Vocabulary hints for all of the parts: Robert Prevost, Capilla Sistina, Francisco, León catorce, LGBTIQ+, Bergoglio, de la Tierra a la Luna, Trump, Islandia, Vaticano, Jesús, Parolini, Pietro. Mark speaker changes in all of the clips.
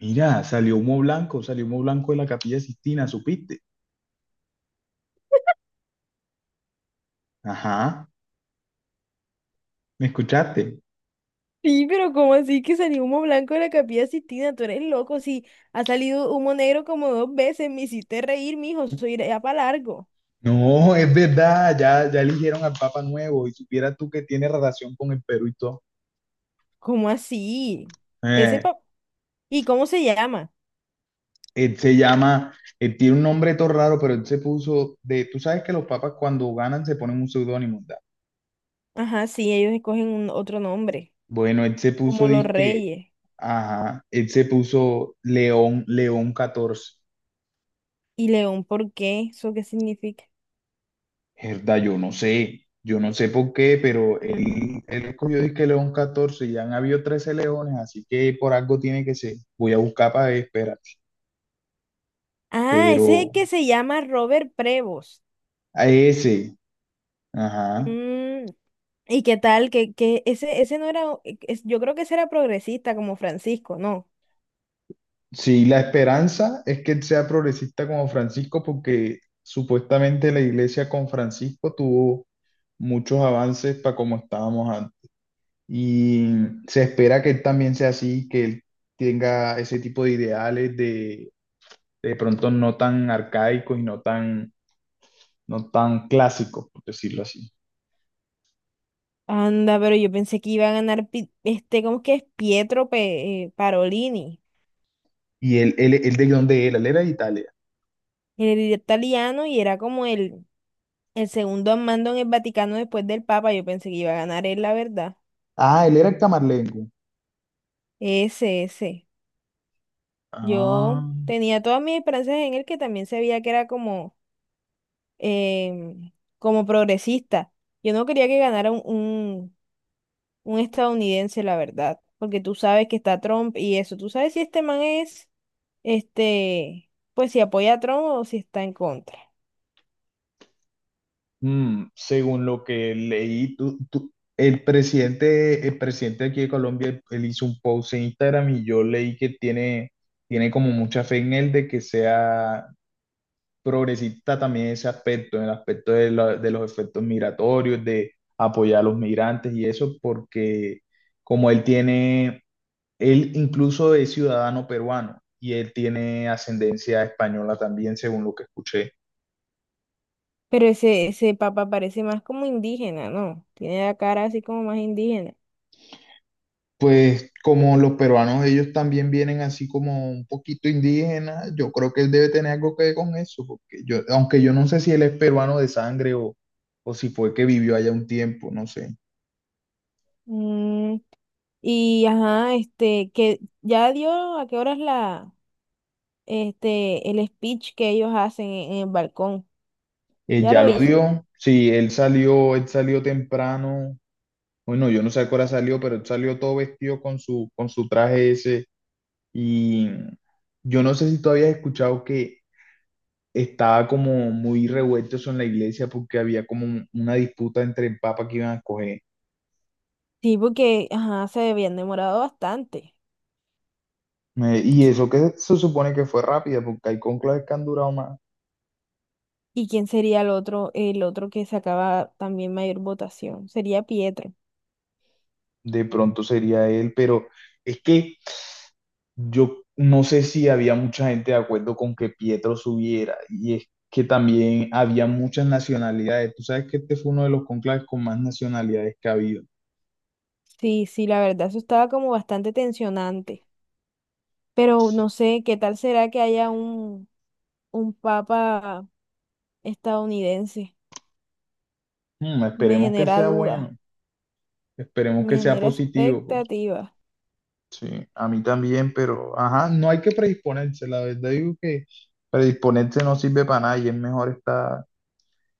Speaker 1: Mira, salió humo blanco de la Capilla Sistina, ¿supiste? Ajá, ¿me escuchaste?
Speaker 2: Sí, pero ¿cómo así que salió humo blanco de la Capilla Sistina? Tú eres loco, sí. Ha salido humo negro como dos veces. Me hiciste reír, mijo. Soy ya para largo.
Speaker 1: No, es verdad, ya eligieron al Papa nuevo y supieras tú que tiene relación con el Perú y todo.
Speaker 2: ¿Cómo así? Ese
Speaker 1: Eh,
Speaker 2: pa- ¿Y cómo se llama?
Speaker 1: él se llama, él tiene un nombre todo raro, pero él se puso tú sabes que los papas cuando ganan se ponen un seudónimo, ¿verdad?
Speaker 2: Ajá, sí, ellos escogen un otro nombre,
Speaker 1: Bueno, él se puso
Speaker 2: como los
Speaker 1: disque,
Speaker 2: reyes.
Speaker 1: ajá, él se puso León, León XIV.
Speaker 2: ¿Y León por qué? ¿Eso qué significa?
Speaker 1: Herda, yo no sé por qué, pero él escogió disque León XIV, ya han habido 13 leones, así que por algo tiene que ser. Voy a buscar para ver, espérate.
Speaker 2: Ah, ese es
Speaker 1: Pero
Speaker 2: el que se llama Robert Prevost.
Speaker 1: a ese, ajá.
Speaker 2: Mm, ¿y qué tal? Que ese, ese no era, e, es- yo creo que ese era progresista como Francisco, ¿no?
Speaker 1: Sí, la esperanza es que él sea progresista como Francisco, porque supuestamente la iglesia con Francisco tuvo muchos avances para como estábamos antes. Y se espera que él también sea así, que él tenga ese tipo de ideales de pronto no tan arcaicos y no tan, no tan clásicos, por decirlo así.
Speaker 2: Anda, pero yo pensé que iba a ganar ¿cómo es que es? Parolini,
Speaker 1: ¿Y él de dónde era? Él era de Italia.
Speaker 2: el italiano, y era como el segundo al mando en el Vaticano después del Papa. Yo pensé que iba a ganar él, la verdad.
Speaker 1: Ah, él era camarlengo.
Speaker 2: Ese, ese. Yo
Speaker 1: Ah,
Speaker 2: tenía todas mis esperanzas en él, que también se veía que era como, em, como progresista. Yo no quería que ganara un un estadounidense, la verdad, porque tú sabes que está Trump y eso, tú sabes si este man es, pues si apoya a Trump o si está en contra.
Speaker 1: mm, según lo que leí, el presidente aquí de Colombia, él hizo un post en Instagram y yo leí que tiene, tiene como mucha fe en él de que sea progresista también en ese aspecto, en el aspecto de los efectos migratorios, de apoyar a los migrantes y eso, porque como él tiene, él incluso es ciudadano peruano y él tiene ascendencia española también, según lo que escuché.
Speaker 2: Pero ese papa parece más como indígena, ¿no? Tiene la cara así como más indígena.
Speaker 1: Pues como los peruanos, ellos también vienen así como un poquito indígenas, yo creo que él debe tener algo que ver con eso, porque yo, aunque yo no sé si él es peruano de sangre o si fue que vivió allá un tiempo, no sé.
Speaker 2: Mm, y ajá, este, que ya dio a qué horas el speech que ellos hacen en el balcón. Ya
Speaker 1: Ya
Speaker 2: lo
Speaker 1: lo
Speaker 2: hizo.
Speaker 1: dio. Sí, él salió temprano. Bueno, yo no sé a qué hora salió, pero él salió todo vestido con con su traje ese. Y yo no sé si tú habías escuchado que estaba como muy revuelto eso en la iglesia porque había como una disputa entre el papa que iban a escoger.
Speaker 2: Sí, porque, ajá, se habían demorado bastante.
Speaker 1: Y eso que se supone que fue rápida, porque hay cónclaves que han durado más.
Speaker 2: ¿Y quién sería el otro que sacaba también mayor votación? Sería Pietro.
Speaker 1: De pronto sería él, pero es que yo no sé si había mucha gente de acuerdo con que Pietro subiera, y es que también había muchas nacionalidades. Tú sabes que este fue uno de los conclaves con más nacionalidades que ha habido.
Speaker 2: Sí, sí, la verdad, eso estaba como bastante tensionante. Pero
Speaker 1: Sí.
Speaker 2: no sé, ¿qué tal será que haya un papa estadounidense?
Speaker 1: Mm,
Speaker 2: Me
Speaker 1: esperemos que
Speaker 2: genera
Speaker 1: sea
Speaker 2: duda,
Speaker 1: bueno, esperemos
Speaker 2: me
Speaker 1: que sea
Speaker 2: genera
Speaker 1: positivo.
Speaker 2: expectativa.
Speaker 1: Sí, a mí también, pero ajá, no hay que predisponerse, la verdad digo que predisponerse no sirve para nada y es mejor estar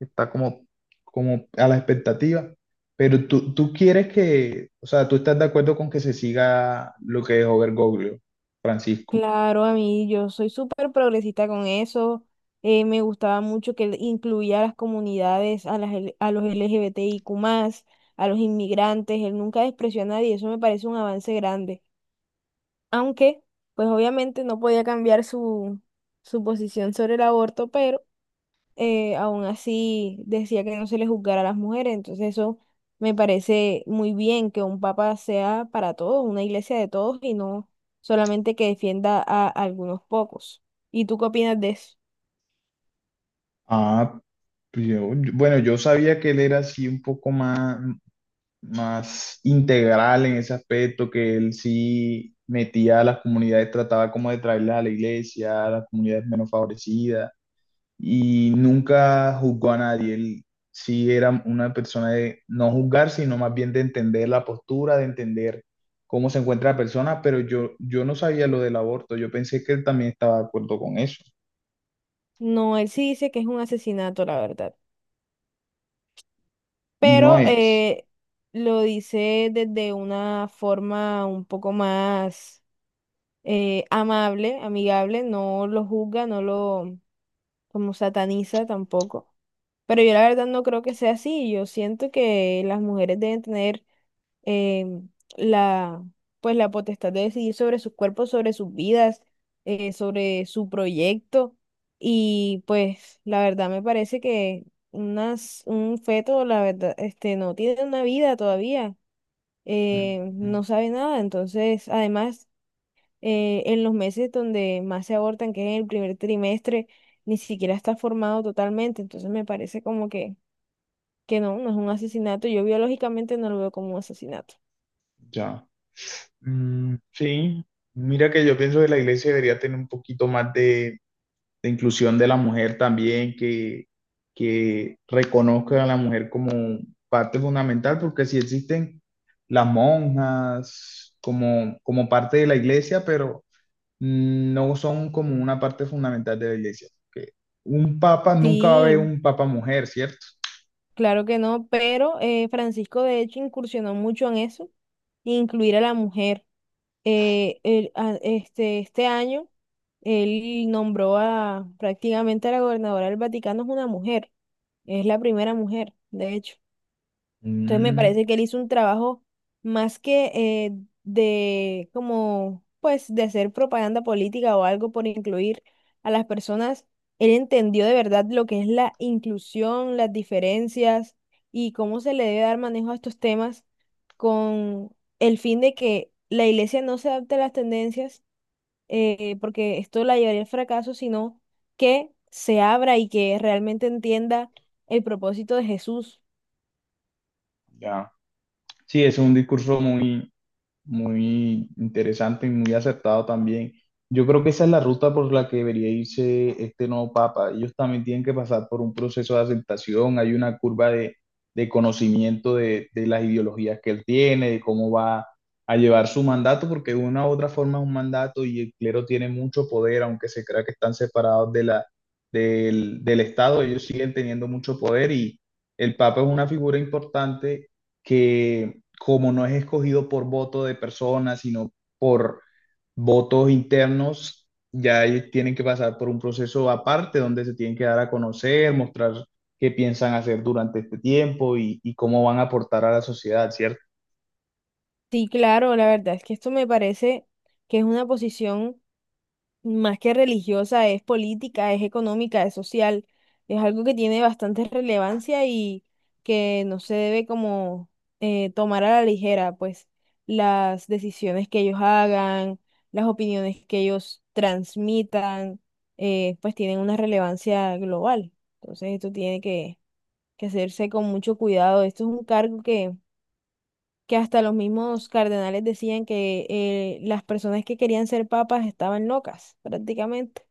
Speaker 1: está como, como a la expectativa, pero tú quieres que, o sea, tú estás de acuerdo con que se siga lo que dejó Bergoglio, Francisco.
Speaker 2: Claro, a mí yo soy súper progresista con eso. Eh, me gustaba mucho que él incluía a las comunidades, a los LGBTIQ+, a los inmigrantes. Él nunca despreció a nadie. Eso me parece un avance grande. Aunque pues obviamente no podía cambiar su posición sobre el aborto, pero aún así decía que no se le juzgara a las mujeres, entonces eso me parece muy bien que un papa sea para todos, una iglesia de todos y no solamente que defienda a algunos pocos. ¿Y tú qué opinas de eso?
Speaker 1: Ah, pues bueno, yo sabía que él era así un poco más, más integral en ese aspecto, que él sí metía a las comunidades, trataba como de traerlas a la iglesia, a las comunidades menos favorecidas. Y nunca juzgó a nadie. Él sí era una persona de no juzgar, sino más bien de entender la postura, de entender cómo se encuentra la persona, pero yo no sabía lo del aborto. Yo pensé que él también estaba de acuerdo con eso.
Speaker 2: No, él sí dice que es un asesinato, la verdad,
Speaker 1: Y no
Speaker 2: pero
Speaker 1: es,
Speaker 2: lo dice desde una forma un poco más amable, amigable, no lo juzga, no lo como sataniza tampoco. Pero yo la verdad no creo que sea así. Yo siento que las mujeres deben tener em, la, pues la potestad de decidir sobre sus cuerpos, sobre sus vidas, sobre su proyecto. Y pues la verdad me parece que un feto, la verdad, este, no tiene una vida todavía. Eh,
Speaker 1: mm,
Speaker 2: no sabe nada, entonces, además en los meses donde más se abortan, que es en el primer trimestre, ni siquiera está formado totalmente. Entonces me parece como que no, no es un asesinato. Yo biológicamente no lo veo como un asesinato.
Speaker 1: ya. Mm, sí, mira que yo pienso que la iglesia debería tener un poquito más de inclusión de la mujer también, que reconozca a la mujer como parte fundamental, porque si existen las monjas como, como parte de la iglesia, pero no son como una parte fundamental de la iglesia. Que un papa, nunca va a haber
Speaker 2: Sí,
Speaker 1: un papa mujer, ¿cierto?
Speaker 2: claro que no, pero Francisco de hecho incursionó mucho en eso, incluir a la mujer. Este año él nombró a prácticamente a la gobernadora del Vaticano es una mujer, es la primera mujer, de hecho. Entonces me
Speaker 1: Mm,
Speaker 2: parece que él hizo un trabajo más que de como pues de hacer propaganda política o algo por incluir a las personas. Él entendió de verdad lo que es la inclusión, las diferencias y cómo se le debe dar manejo a estos temas con el fin de que la iglesia no se adapte a las tendencias, porque esto la llevaría al fracaso, sino que se abra y que realmente entienda el propósito de Jesús.
Speaker 1: ya. Sí, es un discurso muy, muy interesante y muy acertado también. Yo creo que esa es la ruta por la que debería irse este nuevo papa. Ellos también tienen que pasar por un proceso de aceptación, hay una curva de conocimiento de las ideologías que él tiene, de cómo va a llevar su mandato, porque de una u otra forma es un mandato y el clero tiene mucho poder, aunque se crea que están separados de del Estado, ellos siguen teniendo mucho poder y el papa es una figura importante que como no es escogido por voto de personas, sino por votos internos, ya ellos tienen que pasar por un proceso aparte donde se tienen que dar a conocer, mostrar qué piensan hacer durante este tiempo y cómo van a aportar a la sociedad, ¿cierto?
Speaker 2: Sí, claro, la verdad es que esto me parece que es una posición más que religiosa, es política, es económica, es social, es algo que tiene bastante relevancia y que no se debe como tomar a la ligera, pues las decisiones que ellos hagan, las opiniones que ellos transmitan, pues tienen una relevancia global. Entonces esto tiene que hacerse con mucho cuidado. Esto es un cargo que hasta los mismos cardenales decían que las personas que querían ser papas estaban locas, prácticamente.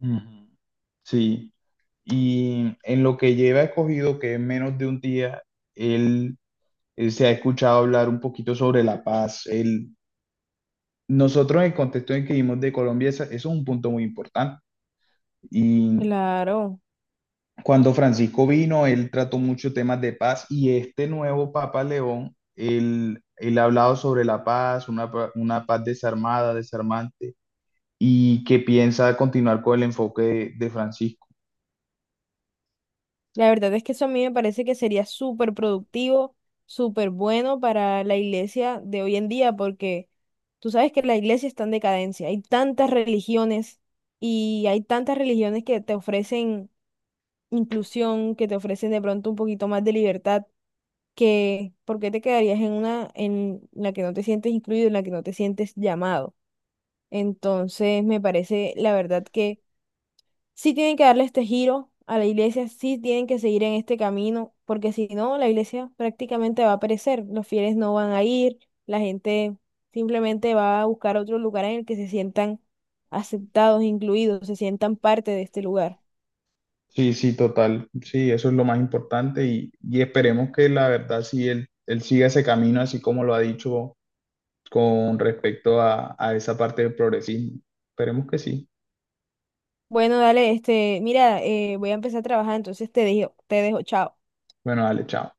Speaker 1: Ujú. Sí, y en lo que lleva escogido, que es menos de un día, él, él se ha escuchado hablar un poquito sobre la paz. Él, nosotros en el contexto en que vivimos de Colombia, eso es un punto muy importante. Y
Speaker 2: Claro,
Speaker 1: cuando Francisco vino, él trató muchos temas de paz y este nuevo Papa León, él ha hablado sobre la paz, una paz desarmada, desarmante, y que piensa continuar con el enfoque de Francisco.
Speaker 2: la verdad es que eso a mí me parece que sería súper productivo, súper bueno para la iglesia de hoy en día, porque tú sabes que la iglesia está en decadencia, hay tantas religiones y hay tantas religiones que te ofrecen inclusión, que te ofrecen de pronto un poquito más de libertad, que ¿por qué te quedarías en una en la que no te sientes incluido, en la que no te sientes llamado? Entonces, me parece, la verdad, que sí tienen que darle este giro a la iglesia, sí tienen que seguir en este camino, porque si no, la iglesia prácticamente va a perecer, los fieles no van a ir, la gente simplemente va a buscar otro lugar en el que se sientan aceptados, incluidos, se sientan parte de este lugar.
Speaker 1: Sí, sí, total. Sí, eso es lo más importante y esperemos que la verdad sí, él siga ese camino así como lo ha dicho con respecto a esa parte del progresismo. Esperemos que sí.
Speaker 2: Bueno, dale, este, mira, voy a empezar a trabajar, entonces te dejo, chao.
Speaker 1: Bueno, dale, chao.